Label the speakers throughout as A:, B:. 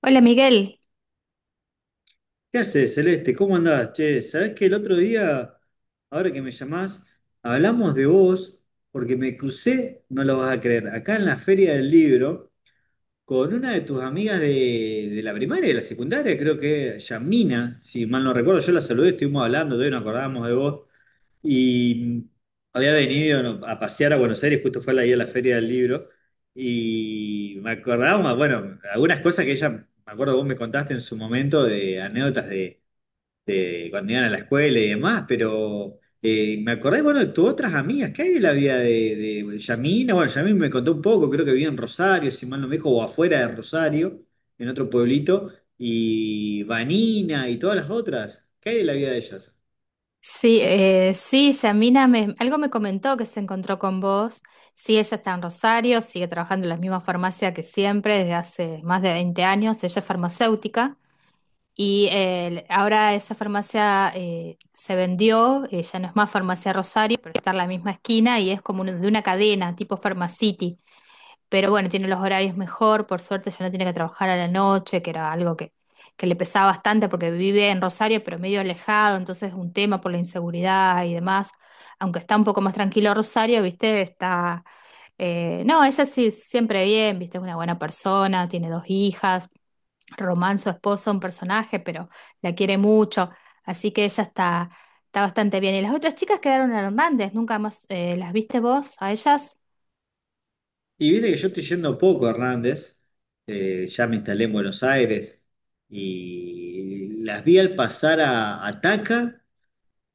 A: Hola Miguel,
B: ¿Qué haces, Celeste? ¿Cómo andás? Che, ¿sabés que el otro día, ahora que me llamás, hablamos de vos porque me crucé, no lo vas a creer, acá en la Feria del Libro con una de tus amigas de la primaria y de la secundaria, creo que Yamina, si mal no recuerdo? Yo la saludé, estuvimos hablando, todavía nos acordábamos de vos y había venido, ¿no?, a pasear a Buenos Aires, justo fue la día de la Feria del Libro. Y me acordábamos, bueno, algunas cosas que ella, me acuerdo, vos me contaste en su momento, de anécdotas de cuando iban a la escuela y demás. Pero me acordé, bueno, de tus otras amigas. ¿Qué hay de la vida de Yamina? Bueno, Yamina me contó un poco, creo que vivía en Rosario, si mal no me dijo, o afuera de Rosario, en otro pueblito. Y Vanina y todas las otras, ¿qué hay de la vida de ellas?
A: sí, sí, Yamina algo me comentó que se encontró con vos. Sí, ella está en Rosario, sigue trabajando en la misma farmacia que siempre desde hace más de 20 años. Ella es farmacéutica y ahora esa farmacia se vendió, ya no es más farmacia Rosario, pero está en la misma esquina y es como de una cadena tipo Farmacity. Pero bueno, tiene los horarios mejor, por suerte ya no tiene que trabajar a la noche, que era algo que le pesaba bastante porque vive en Rosario, pero medio alejado, entonces es un tema por la inseguridad y demás. Aunque está un poco más tranquilo Rosario, viste, no, ella sí, siempre bien, viste, es una buena persona, tiene dos hijas. Román, su esposo, un personaje, pero la quiere mucho, así que ella está bastante bien. Y las otras chicas quedaron en Hernández, nunca más, ¿las viste vos a ellas?
B: Y viste que yo estoy yendo poco a Hernández, ya me instalé en Buenos Aires, y las vi al pasar a Taca.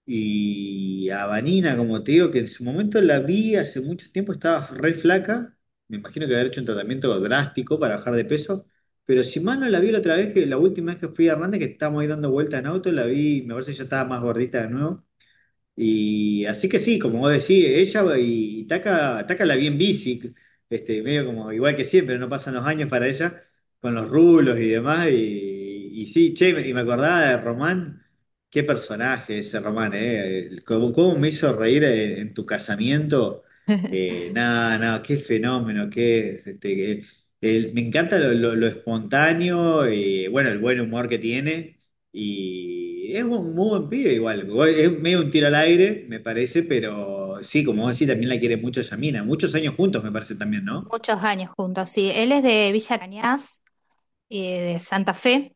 B: Y a Vanina, como te digo, que en su momento la vi hace mucho tiempo, estaba re flaca. Me imagino que haber hecho un tratamiento drástico para bajar de peso. Pero si mal no, la vi la otra vez, que la última vez que fui a Hernández, que estábamos ahí dando vueltas en auto, la vi, me parece que ya estaba más gordita de nuevo. Y así que sí, como vos decís, ella y Taka, Taka la bien bici, medio como igual que siempre, no pasan los años para ella, con los rulos y demás. Y sí, che, y me acordaba de Román, qué personaje ese Román, ¿eh? ¿Cómo, cómo me hizo reír en tu casamiento? Nada, nada, qué fenómeno, qué es, me encanta lo espontáneo y bueno, el buen humor que tiene. Y es un muy buen pibe igual. Es medio un tiro al aire, me parece, pero sí, como vos decís, también la quiere mucho Yamina. Muchos años juntos, me parece también, ¿no?
A: Muchos años juntos, sí. Él es de Villa Cañas, de Santa Fe.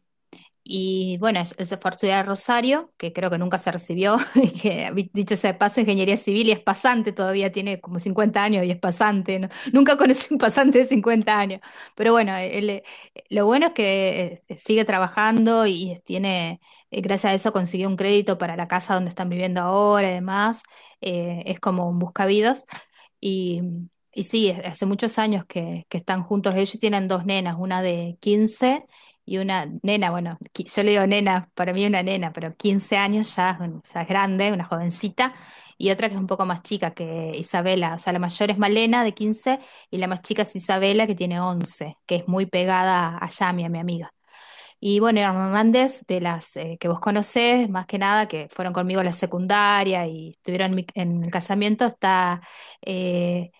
A: Y bueno, él se fue a estudiar a Rosario, que creo que nunca se recibió, y dicho sea de paso, ingeniería civil y es pasante todavía, tiene como 50 años y es pasante, ¿no? Nunca conocí un pasante de 50 años, pero bueno, él, lo bueno es que sigue trabajando y tiene, gracias a eso consiguió un crédito para la casa donde están viviendo ahora y demás. Es como un buscavidas. Y, y sí, hace muchos años que están juntos. Ellos tienen dos nenas, una de 15 y una nena, bueno, yo le digo nena, para mí una nena, pero 15 años ya, ya es grande, una jovencita. Y otra que es un poco más chica que Isabela. O sea, la mayor es Malena de 15 y la más chica es Isabela que tiene 11, que es muy pegada a Yami, a mi amiga. Y bueno, eran Hernández, de las que vos conocés, más que nada, que fueron conmigo a la secundaria y estuvieron en el casamiento, está eh,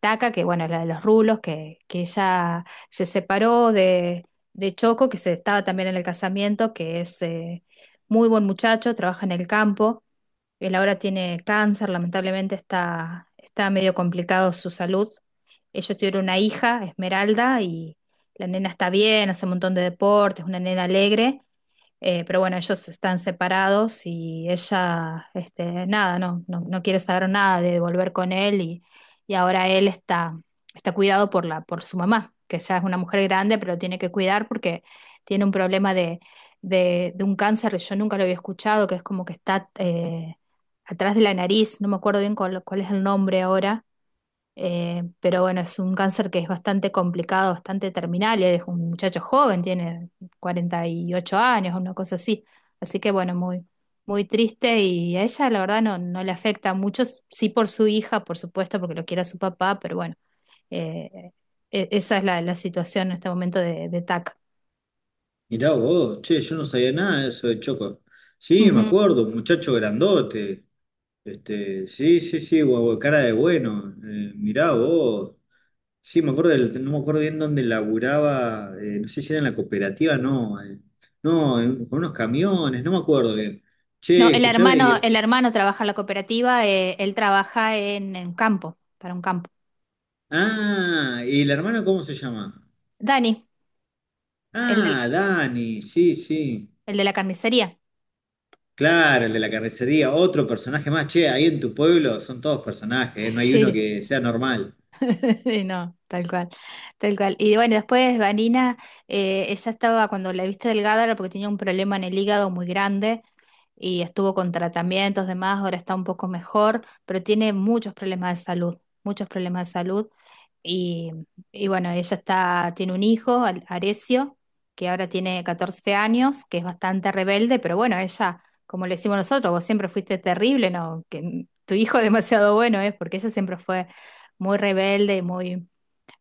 A: Taca, que bueno, la de los rulos, que ella se separó de Choco, que se estaba también en el casamiento, que es muy buen muchacho, trabaja en el campo. Él ahora tiene cáncer, lamentablemente está medio complicado su salud. Ellos tuvieron una hija, Esmeralda, y la nena está bien, hace un montón de deportes, una nena alegre, pero bueno, ellos están separados y ella, este, nada, no, no, no quiere saber nada de volver con él y ahora él está cuidado por su mamá, que ya es una mujer grande, pero lo tiene que cuidar porque tiene un problema de un cáncer que yo nunca lo había escuchado, que es como que está atrás de la nariz, no me acuerdo bien cuál es el nombre ahora, pero bueno, es un cáncer que es bastante complicado, bastante terminal. Y él es un muchacho joven, tiene 48 años, una cosa así. Así que bueno, muy, muy triste y a ella la verdad no, no le afecta mucho, sí por su hija, por supuesto, porque lo quiere a su papá, pero bueno, eh, esa es la situación en este momento de TAC.
B: Mirá vos, che, yo no sabía nada de eso de Choco. Sí, me
A: Ujú.
B: acuerdo, un muchacho grandote. Sí, sí, sí, guau, cara de bueno. Mirá vos. Sí, me acuerdo no me acuerdo bien dónde laburaba, no sé si era en la cooperativa. No. No, en- Con unos camiones, no me acuerdo bien.
A: No,
B: Che,
A: el
B: escuchame, y
A: hermano, el
B: después...
A: hermano trabaja en la cooperativa, él trabaja en campo, para un campo.
B: Ah, ¿y el hermano cómo se llama?
A: Dani, el del-
B: Ah, Dani, sí, sí.
A: el de la carnicería.
B: Claro, el de la carnicería, otro personaje más. Che, ahí en tu pueblo son todos personajes, ¿eh? No hay uno
A: Sí,
B: que sea normal.
A: sí, no, tal cual, tal cual. Y bueno, después Vanina, ella estaba, cuando la viste delgada era porque tenía un problema en el hígado muy grande y estuvo con tratamientos, demás, ahora está un poco mejor, pero tiene muchos problemas de salud, muchos problemas de salud. Y, y bueno, ella está, tiene un hijo, Arecio, que ahora tiene 14 años, que es bastante rebelde, pero bueno, ella, como le decimos nosotros, vos siempre fuiste terrible, ¿no? Que tu hijo demasiado bueno es, porque ella siempre fue muy rebelde, muy,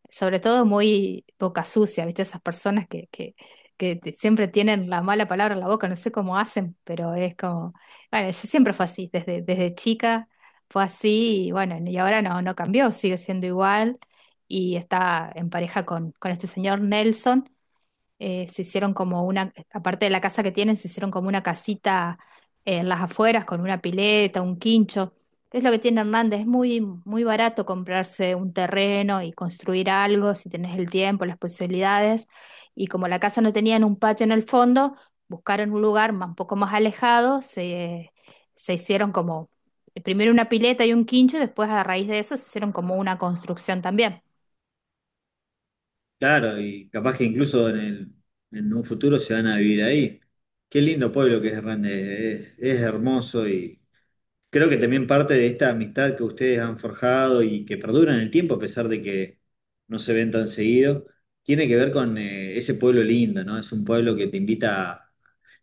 A: sobre todo muy boca sucia, ¿viste? Esas personas que siempre tienen la mala palabra en la boca, no sé cómo hacen, pero es como, bueno, yo siempre fue así, desde chica fue así. Y bueno, y ahora no, no cambió, sigue siendo igual y está en pareja con este señor Nelson, se hicieron como una, aparte de la casa que tienen, se hicieron como una casita en las afueras con una pileta, un quincho. Es lo que tiene Hernández, es muy, muy barato comprarse un terreno y construir algo si tenés el tiempo, las posibilidades. Y como la casa no tenía un patio en el fondo, buscaron un lugar un poco más alejado, se hicieron como primero una pileta y un quincho, y después a raíz de eso se hicieron como una construcción también.
B: Claro, y capaz que incluso en en un futuro se van a vivir ahí. Qué lindo pueblo que es Hernández, es hermoso. Y creo que también parte de esta amistad que ustedes han forjado y que perdura en el tiempo, a pesar de que no se ven tan seguido, tiene que ver con ese pueblo lindo, ¿no? Es un pueblo que te invita a...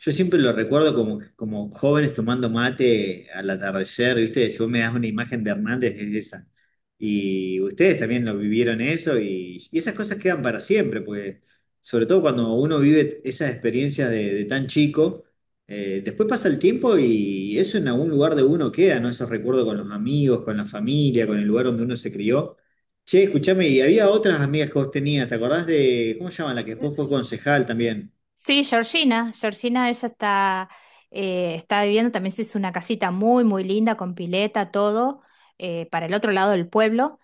B: Yo siempre lo recuerdo como, como jóvenes tomando mate al atardecer, ¿viste? Si vos me das una imagen de Hernández, es esa. Y ustedes también lo vivieron eso, y esas cosas quedan para siempre, pues sobre todo cuando uno vive esas experiencias de tan chico, después pasa el tiempo y eso en algún lugar de uno queda, ¿no? Ese recuerdo con los amigos, con la familia, con el lugar donde uno se crió. Che, escuchame, y había otras amigas que vos tenías, ¿te acordás de, ¿cómo se llaman? La que después fue concejal también.
A: Sí, Georgina, Georgina, ella está, está viviendo, también se hizo una casita muy, muy linda, con pileta, todo, para el otro lado del pueblo,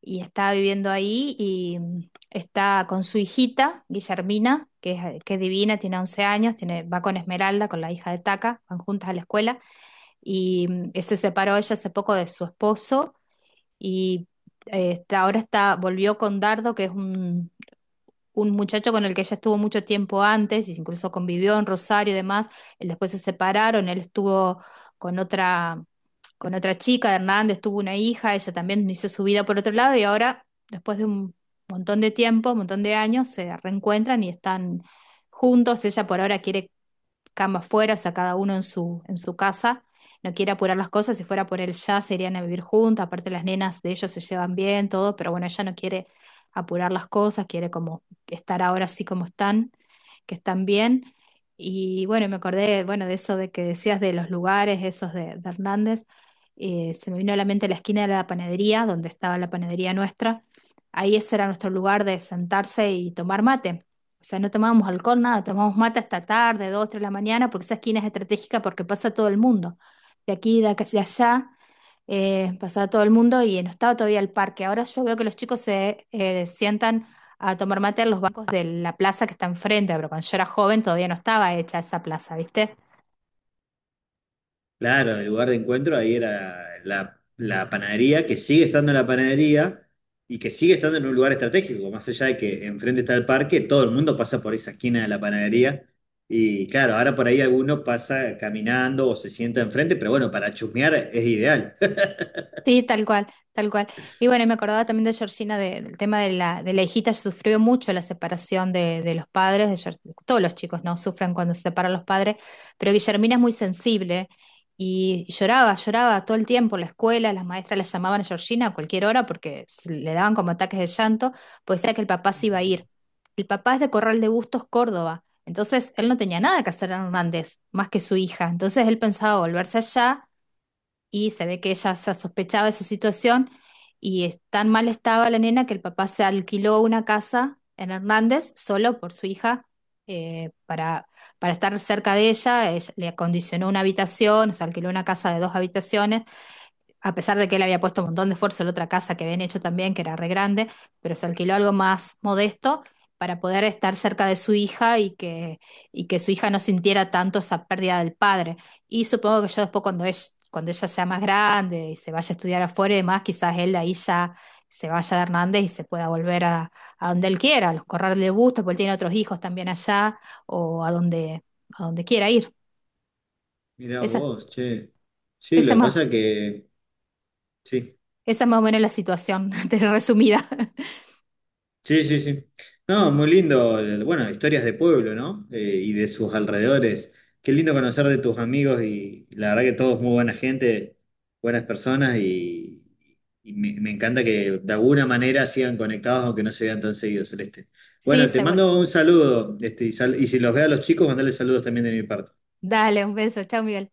A: y está viviendo ahí y está con su hijita, Guillermina, que es divina, tiene 11 años, tiene, va con Esmeralda, con la hija de Taca, van juntas a la escuela, y se separó ella hace poco de su esposo, y ahora está, volvió con Dardo, que es un muchacho con el que ella estuvo mucho tiempo antes, y incluso convivió en Rosario y demás, él después se separaron, él estuvo con otra, con otra chica, de Hernández tuvo una hija, ella también hizo su vida por otro lado, y ahora, después de un montón de tiempo, un montón de años, se reencuentran y están juntos. Ella por ahora quiere cama afuera, o sea, cada uno en su casa. No quiere apurar las cosas, si fuera por él ya se irían a vivir juntas, aparte las nenas de ellos se llevan bien, todo, pero bueno, ella no quiere apurar las cosas, quiere como estar ahora así como están, que están bien. Y bueno, me acordé, bueno, de eso de que decías de los lugares, esos de Hernández. Se me vino a la mente la esquina de la panadería, donde estaba la panadería nuestra. Ahí ese era nuestro lugar de sentarse y tomar mate. O sea, no tomábamos alcohol, nada, tomábamos mate hasta tarde, dos, tres de la mañana, porque esa esquina es estratégica porque pasa todo el mundo. De aquí, de acá, de allá, pasaba todo el mundo y no estaba todavía el parque. Ahora yo veo que los chicos se sientan a tomar mate en los bancos de la plaza que está enfrente, pero cuando yo era joven todavía no estaba hecha esa plaza, ¿viste?
B: Claro, el lugar de encuentro ahí era la panadería, que sigue estando en la panadería y que sigue estando en un lugar estratégico, más allá de que enfrente está el parque, todo el mundo pasa por esa esquina de la panadería. Y claro, ahora por ahí alguno pasa caminando o se sienta enfrente, pero bueno, para chusmear es ideal.
A: Sí, tal cual, tal cual. Y bueno, y me acordaba también de Georgina, del tema de la hijita, sufrió mucho la separación de los padres, todos los chicos no sufren cuando se separan los padres, pero Guillermina es muy sensible y lloraba, lloraba todo el tiempo en la escuela, las maestras la llamaban a Georgina a cualquier hora porque le daban como ataques de llanto, pues decía que el papá se iba a ir.
B: Mirá
A: El papá es de Corral de Bustos, Córdoba, entonces él no tenía nada que hacer en Hernández, más que su hija, entonces él pensaba volverse allá y se ve que ella ya sospechaba esa situación y tan mal estaba la nena que el papá se alquiló una casa en Hernández solo por su hija, eh, para, para estar cerca de ella. Le acondicionó una habitación, se alquiló una casa de dos habitaciones a pesar de que él había puesto un montón de esfuerzo en la otra casa que habían hecho también, que era re grande, pero se alquiló algo más modesto para poder estar cerca de su hija y que su hija no sintiera tanto esa pérdida del padre. Y supongo que yo después cuando ella sea más grande y se vaya a estudiar afuera y demás, quizás él ahí ya se vaya de Hernández y se pueda volver a donde él quiera, a los corrales de gusto, porque él tiene otros hijos también allá, o a donde quiera ir. Esa,
B: vos, che. Sí,
A: esa
B: lo que
A: más,
B: pasa que... Sí,
A: Esa más o menos la situación resumida.
B: sí, sí, sí. No, muy lindo. Bueno, historias de pueblo, ¿no? Y de sus alrededores. Qué lindo conocer de tus amigos, y la verdad que todos muy buena gente, buenas personas, y me, me encanta que de alguna manera sigan conectados aunque no se vean tan seguidos, Celeste.
A: Sí,
B: Bueno, te
A: seguro.
B: mando un saludo, y, y si los veo a los chicos, mandale saludos también de mi parte.
A: Dale, un beso. Chao, Miguel.